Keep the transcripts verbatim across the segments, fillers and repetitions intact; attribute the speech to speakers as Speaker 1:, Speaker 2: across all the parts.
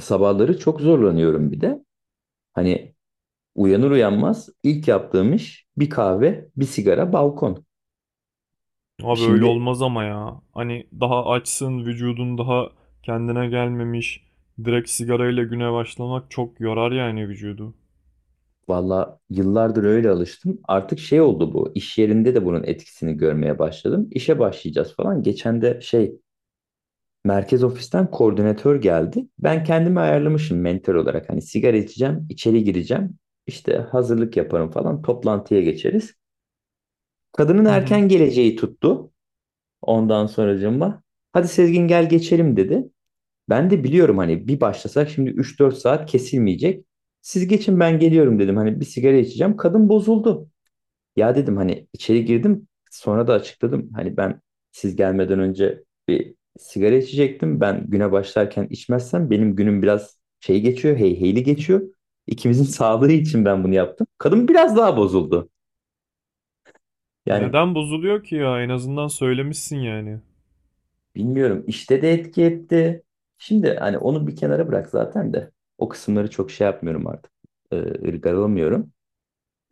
Speaker 1: Sabahları çok zorlanıyorum bir de. Hani uyanır uyanmaz ilk yaptığım iş bir kahve, bir sigara, balkon.
Speaker 2: Abi öyle
Speaker 1: Şimdi
Speaker 2: olmaz ama ya. Hani daha açsın, vücudun daha kendine gelmemiş. Direkt sigarayla güne başlamak çok yorar yani vücudu.
Speaker 1: valla yıllardır öyle alıştım. Artık şey oldu bu. İş yerinde de bunun etkisini görmeye başladım. İşe başlayacağız falan. Geçen de şey merkez ofisten koordinatör geldi. Ben kendimi ayarlamışım mentor olarak. Hani sigara içeceğim, içeri gireceğim. İşte hazırlık yaparım falan. Toplantıya geçeriz. Kadının
Speaker 2: Hı hı.
Speaker 1: erken geleceği tuttu. Ondan sonracığıma hadi Sezgin gel geçelim dedi. Ben de biliyorum hani bir başlasak şimdi üç dört saat kesilmeyecek. Siz geçin ben geliyorum dedim. Hani bir sigara içeceğim. Kadın bozuldu. Ya dedim hani içeri girdim. Sonra da açıkladım. Hani ben siz gelmeden önce bir sigara içecektim. Ben güne başlarken içmezsem benim günüm biraz şey geçiyor. Heyheyli geçiyor. İkimizin sağlığı için ben bunu yaptım. Kadın biraz daha bozuldu. Yani.
Speaker 2: Neden bozuluyor ki ya? En azından söylemişsin yani.
Speaker 1: Bilmiyorum. İşte de etki etti. Şimdi hani onu bir kenara bırak zaten de. O kısımları çok şey yapmıyorum artık. Ee, ırgalamıyorum.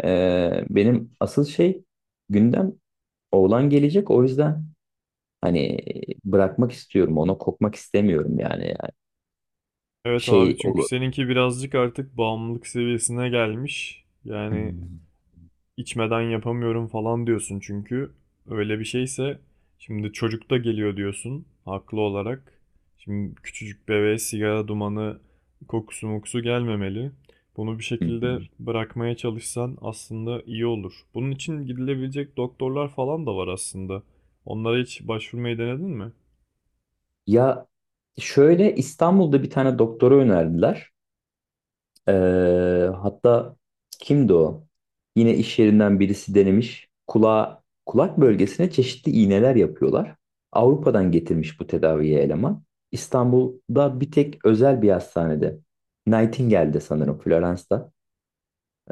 Speaker 1: Ee, benim asıl şey gündem oğlan gelecek. O yüzden hani bırakmak istiyorum. Ona kopmak istemiyorum yani. Yani
Speaker 2: Evet
Speaker 1: şey
Speaker 2: abi çünkü
Speaker 1: olur.
Speaker 2: seninki birazcık artık bağımlılık seviyesine gelmiş. Yani içmeden yapamıyorum falan diyorsun çünkü öyle bir şeyse şimdi çocuk da geliyor diyorsun haklı olarak. Şimdi küçücük bebeğe sigara dumanı kokusu mokusu gelmemeli. Bunu bir şekilde bırakmaya çalışsan aslında iyi olur. Bunun için gidilebilecek doktorlar falan da var aslında. Onlara hiç başvurmayı denedin mi?
Speaker 1: Ya şöyle İstanbul'da bir tane doktora önerdiler. Ee, hatta kimdi o? Yine iş yerinden birisi denemiş. Kulağa, kulak bölgesine çeşitli iğneler yapıyorlar. Avrupa'dan getirmiş bu tedaviye eleman. İstanbul'da bir tek özel bir hastanede. Nightingale'de sanırım, Florence'da.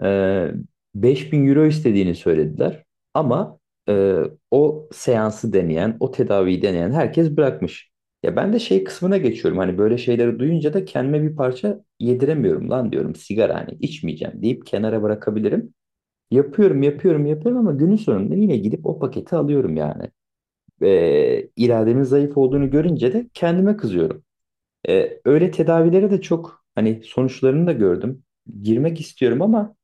Speaker 1: Ee, Bin euro istediğini söylediler. Ama e, o seansı deneyen, o tedaviyi deneyen herkes bırakmış. Ya ben de şey kısmına geçiyorum. Hani böyle şeyleri duyunca da kendime bir parça yediremiyorum lan diyorum. Sigara hani içmeyeceğim deyip kenara bırakabilirim. Yapıyorum, yapıyorum, yapıyorum ama günün sonunda yine gidip o paketi alıyorum yani. Ee, irademin zayıf olduğunu görünce de kendime kızıyorum. Ee, öyle tedavilere de çok hani sonuçlarını da gördüm. Girmek istiyorum ama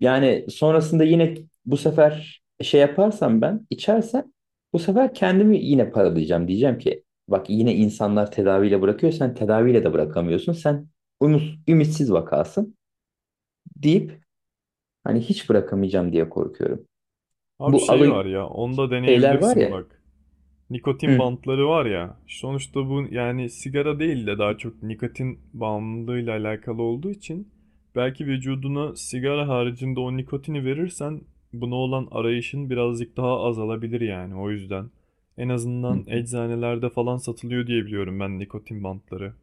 Speaker 1: yani sonrasında yine bu sefer şey yaparsam ben içersem bu sefer kendimi yine paralayacağım. Diyeceğim ki bak yine insanlar tedaviyle bırakıyor sen tedaviyle de bırakamıyorsun. Sen ümit, ümitsiz vakasın deyip hani hiç bırakamayacağım diye korkuyorum.
Speaker 2: Abi
Speaker 1: Bu
Speaker 2: şey
Speaker 1: alı
Speaker 2: var ya, onu da
Speaker 1: Şeyler var
Speaker 2: deneyebilirsin
Speaker 1: ya,
Speaker 2: bak. Nikotin
Speaker 1: hı,
Speaker 2: bantları var ya. Sonuçta bu yani sigara değil de daha çok nikotin bağımlılığıyla alakalı olduğu için belki vücuduna sigara haricinde o nikotini verirsen buna olan arayışın birazcık daha azalabilir yani o yüzden. En
Speaker 1: hı,
Speaker 2: azından
Speaker 1: hı.
Speaker 2: eczanelerde falan satılıyor diye biliyorum ben nikotin bantları.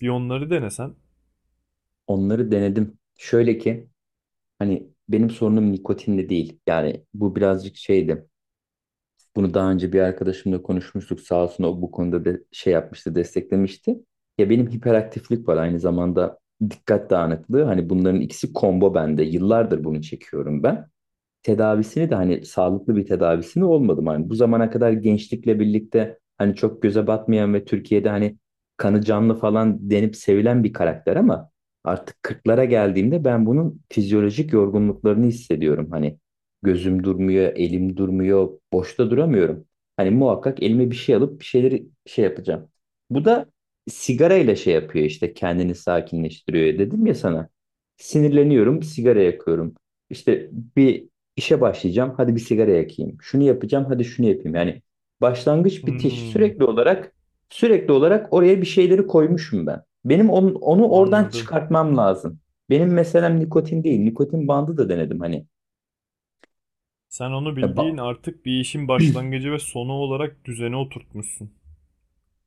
Speaker 2: Bir onları denesen.
Speaker 1: Onları denedim. Şöyle ki hani benim sorunum nikotinle değil. Yani bu birazcık şeydi. Bunu daha önce bir arkadaşımla konuşmuştuk. Sağ olsun o bu konuda de şey yapmıştı, desteklemişti. Ya benim hiperaktiflik var aynı zamanda dikkat dağınıklığı. Hani bunların ikisi combo bende. Yıllardır bunu çekiyorum ben, tedavisini de hani sağlıklı bir tedavisini olmadım. Hani bu zamana kadar gençlikle birlikte hani çok göze batmayan ve Türkiye'de hani kanı canlı falan denip sevilen bir karakter ama artık kırklara geldiğimde ben bunun fizyolojik yorgunluklarını hissediyorum. Hani gözüm durmuyor, elim durmuyor, boşta duramıyorum. Hani muhakkak elime bir şey alıp bir şeyleri şey yapacağım. Bu da sigarayla şey yapıyor işte, kendini sakinleştiriyor dedim ya sana. Sinirleniyorum, sigara yakıyorum. İşte bir İşe başlayacağım. Hadi bir sigara yakayım. Şunu yapacağım. Hadi şunu yapayım. Yani başlangıç bitiş
Speaker 2: Hmm,
Speaker 1: sürekli olarak sürekli olarak oraya bir şeyleri koymuşum ben. Benim onu, onu oradan
Speaker 2: anladım.
Speaker 1: çıkartmam lazım. Benim meselem nikotin değil. Nikotin bandı da denedim hani.
Speaker 2: Sen onu
Speaker 1: Ya
Speaker 2: bildiğin
Speaker 1: ba-
Speaker 2: artık bir işin başlangıcı ve sonu olarak düzene oturtmuşsun.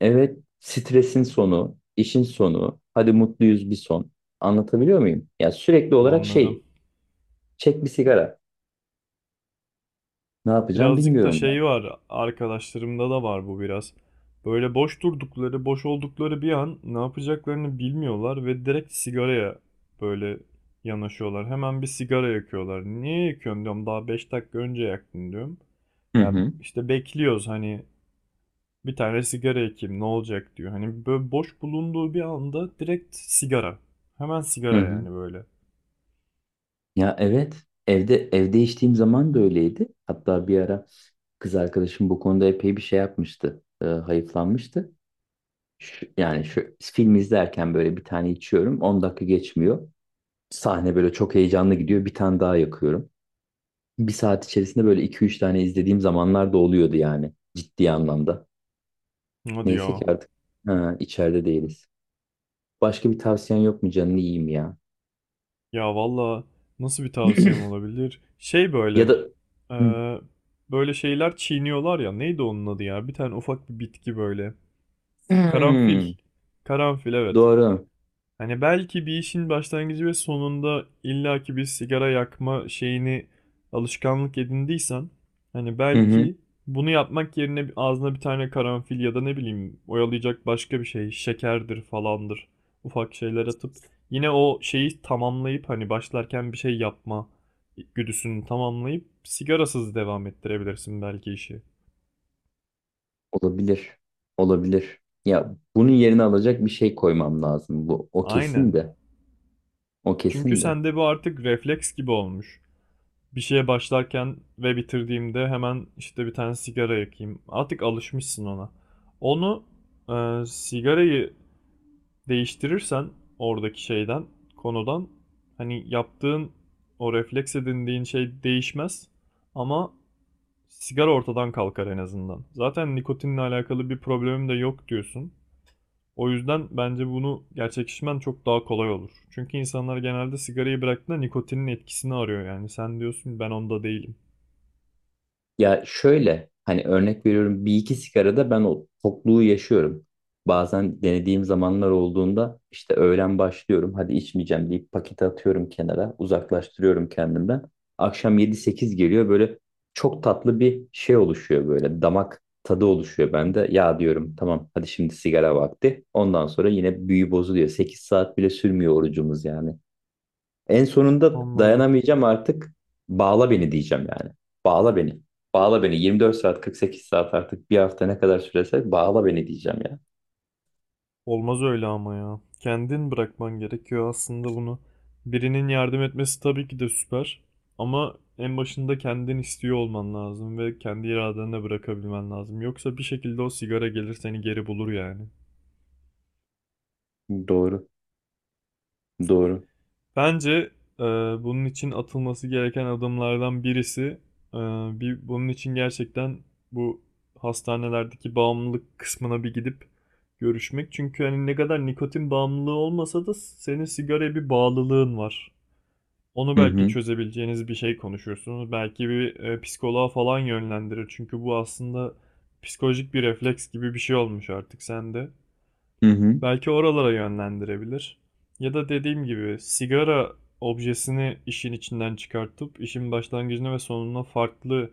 Speaker 1: evet, stresin sonu, işin sonu. Hadi mutluyuz bir son. Anlatabiliyor muyum? Ya sürekli olarak şey
Speaker 2: Anladım.
Speaker 1: çek bir sigara. Ne yapacağım
Speaker 2: Birazcık da
Speaker 1: bilmiyorum ben.
Speaker 2: şey var, arkadaşlarımda da var bu biraz. Böyle boş durdukları, boş oldukları bir an ne yapacaklarını bilmiyorlar ve direkt sigaraya böyle yanaşıyorlar. Hemen bir sigara yakıyorlar. Niye yakıyorsun diyorum, daha beş dakika önce yaktın diyorum.
Speaker 1: Hı
Speaker 2: Ya
Speaker 1: hı.
Speaker 2: işte bekliyoruz hani bir tane sigara yakayım ne olacak diyor. Hani böyle boş bulunduğu bir anda direkt sigara. Hemen
Speaker 1: Hı
Speaker 2: sigara
Speaker 1: hı.
Speaker 2: yani böyle.
Speaker 1: Ya evet, evde evde içtiğim zaman da öyleydi. Hatta bir ara kız arkadaşım bu konuda epey bir şey yapmıştı. E, hayıflanmıştı. Şu- yani şu film izlerken böyle bir tane içiyorum. On dakika geçmiyor. Sahne böyle çok heyecanlı gidiyor. Bir tane daha yakıyorum. Bir saat içerisinde böyle iki üç tane izlediğim zamanlar da oluyordu yani. Ciddi anlamda.
Speaker 2: Hadi
Speaker 1: Neyse
Speaker 2: diyor?
Speaker 1: ki artık ha, içeride değiliz. Başka bir tavsiyen yok mu canını yiyeyim ya?
Speaker 2: Ya valla nasıl bir tavsiyem olabilir? Şey
Speaker 1: Ya da.
Speaker 2: böyle e,
Speaker 1: Hı.
Speaker 2: böyle şeyler çiğniyorlar ya neydi onun adı ya? Bir tane ufak bir bitki böyle. Karanfil.
Speaker 1: Hmm,
Speaker 2: Karanfil evet.
Speaker 1: doğru.
Speaker 2: Hani belki bir işin başlangıcı ve sonunda illaki bir sigara yakma şeyini alışkanlık edindiysen hani
Speaker 1: Hı hı.
Speaker 2: belki bunu yapmak yerine bir- ağzına bir tane karanfil ya da ne bileyim oyalayacak başka bir şey şekerdir falandır ufak şeyler atıp yine o şeyi tamamlayıp hani başlarken bir şey yapma güdüsünü tamamlayıp sigarasız devam ettirebilirsin belki işi.
Speaker 1: Olabilir. Olabilir. Ya bunun yerine alacak bir şey koymam lazım. Bu o kesin
Speaker 2: Aynen.
Speaker 1: de. O
Speaker 2: Çünkü
Speaker 1: kesin de.
Speaker 2: sende bu artık refleks gibi olmuş. Bir şeye başlarken ve bitirdiğimde hemen işte bir tane sigara yakayım. Artık alışmışsın ona. Onu e, sigarayı değiştirirsen oradaki şeyden, konudan hani yaptığın o refleks edindiğin şey değişmez ama sigara ortadan kalkar en azından. Zaten nikotinle alakalı bir problemim de yok diyorsun. O yüzden bence bunu gerçekleştirmen çok daha kolay olur. Çünkü insanlar genelde sigarayı bıraktığında nikotinin etkisini arıyor yani. Sen diyorsun ben onda değilim.
Speaker 1: Ya şöyle hani örnek veriyorum, bir iki sigarada ben o tokluğu yaşıyorum. Bazen denediğim zamanlar olduğunda işte öğlen başlıyorum hadi içmeyeceğim deyip paketi atıyorum, kenara uzaklaştırıyorum kendimden. Akşam yedi sekiz geliyor, böyle çok tatlı bir şey oluşuyor, böyle damak tadı oluşuyor bende. Ya diyorum tamam hadi şimdi sigara vakti, ondan sonra yine büyü bozuluyor, sekiz saat bile sürmüyor orucumuz yani. En sonunda
Speaker 2: Anladım.
Speaker 1: dayanamayacağım artık. Bağla beni diyeceğim yani. Bağla beni. Bağla beni. yirmi dört saat, kırk sekiz saat, artık bir hafta ne kadar sürese bağla beni diyeceğim ya.
Speaker 2: Olmaz öyle ama ya. Kendin bırakman gerekiyor aslında bunu. Birinin yardım etmesi tabii ki de süper. Ama en başında kendin istiyor olman lazım ve kendi iradenle bırakabilmen lazım. Yoksa bir şekilde o sigara gelir seni geri bulur yani.
Speaker 1: Doğru. Doğru.
Speaker 2: Bence e, bunun için atılması gereken adımlardan birisi e, bir bunun için gerçekten bu hastanelerdeki bağımlılık kısmına bir gidip görüşmek. Çünkü hani ne kadar nikotin bağımlılığı olmasa da senin sigaraya bir bağlılığın var. Onu
Speaker 1: Hı
Speaker 2: belki
Speaker 1: hı.
Speaker 2: çözebileceğiniz bir şey konuşursunuz. Belki bir e, psikoloğa falan yönlendirir. Çünkü bu aslında psikolojik bir refleks gibi bir şey olmuş artık sende.
Speaker 1: Hı hı.
Speaker 2: Belki oralara yönlendirebilir. Ya da dediğim gibi sigara objesini işin içinden çıkartıp işin başlangıcına ve sonuna farklı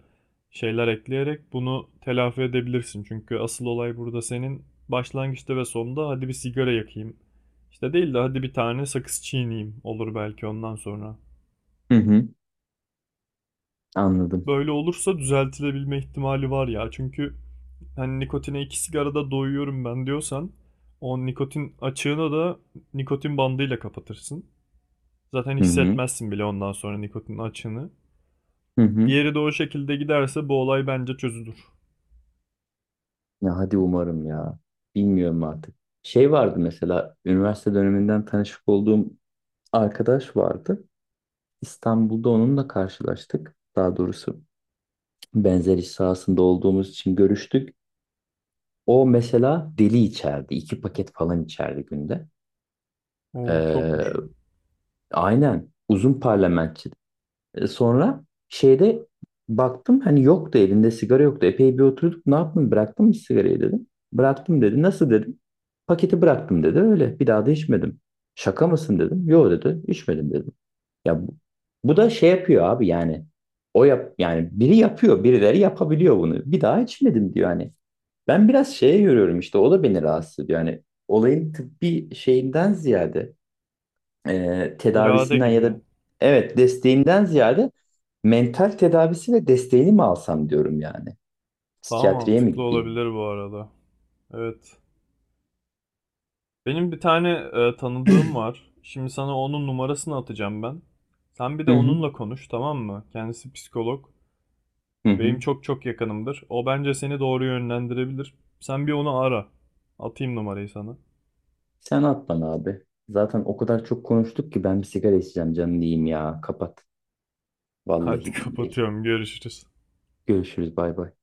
Speaker 2: şeyler ekleyerek bunu telafi edebilirsin. Çünkü asıl olay burada senin başlangıçta ve sonunda hadi bir sigara yakayım. İşte değil de hadi bir tane sakız çiğneyim olur belki ondan sonra.
Speaker 1: Hı hı. Anladım.
Speaker 2: Böyle olursa düzeltilebilme ihtimali var ya. Çünkü hani nikotine iki sigarada doyuyorum ben diyorsan o nikotin açığını da nikotin bandıyla kapatırsın. Zaten
Speaker 1: Hı hı.
Speaker 2: hissetmezsin bile ondan sonra nikotin açığını.
Speaker 1: Hı hı.
Speaker 2: Diğeri de o şekilde giderse bu olay bence çözülür.
Speaker 1: Ya hadi umarım ya. Bilmiyorum artık. Şey vardı, mesela üniversite döneminden tanışık olduğum arkadaş vardı. İstanbul'da onunla karşılaştık. Daha doğrusu benzer iş sahasında olduğumuz için görüştük. O mesela deli içerdi. İki paket falan içerdi günde.
Speaker 2: Oo çokmuş.
Speaker 1: Ee, aynen. Uzun parlamentçi. Ee, Sonra şeyde baktım hani yoktu, elinde sigara yoktu. Epey bir oturduk. Ne yaptın, bıraktın mı sigarayı dedim. Bıraktım dedi. Nasıl dedim. Paketi bıraktım dedi. Öyle. Bir daha da içmedim. Şaka mısın dedim. Yo dedi. İçmedim dedim. Ya bu, bu da şey yapıyor abi yani. O yap Yani biri yapıyor, birileri yapabiliyor bunu. Bir daha içmedim diyor hani. Ben biraz şeye görüyorum işte, o da beni rahatsız ediyor. Yani olayın tıbbi şeyinden ziyade, e,
Speaker 2: İrade
Speaker 1: tedavisinden ya
Speaker 2: gibi.
Speaker 1: da evet desteğinden ziyade mental tedavisi ve desteğini mi alsam diyorum yani.
Speaker 2: Daha
Speaker 1: Psikiyatriye mi
Speaker 2: mantıklı
Speaker 1: gideyim?
Speaker 2: olabilir bu arada. Evet. Benim bir tane e, tanıdığım var. Şimdi sana onun numarasını atacağım ben. Sen bir
Speaker 1: Hı
Speaker 2: de
Speaker 1: hı.
Speaker 2: onunla konuş, tamam mı? Kendisi psikolog.
Speaker 1: Hı hı.
Speaker 2: Benim çok çok yakınımdır. O bence seni doğru yönlendirebilir. Sen bir onu ara. Atayım numarayı sana.
Speaker 1: Sen at bana abi. Zaten o kadar çok konuştuk ki ben bir sigara içeceğim canım diyeyim ya. Kapat. Vallahi
Speaker 2: Hadi
Speaker 1: billahi.
Speaker 2: kapatıyorum. Görüşürüz.
Speaker 1: Görüşürüz, bay bay.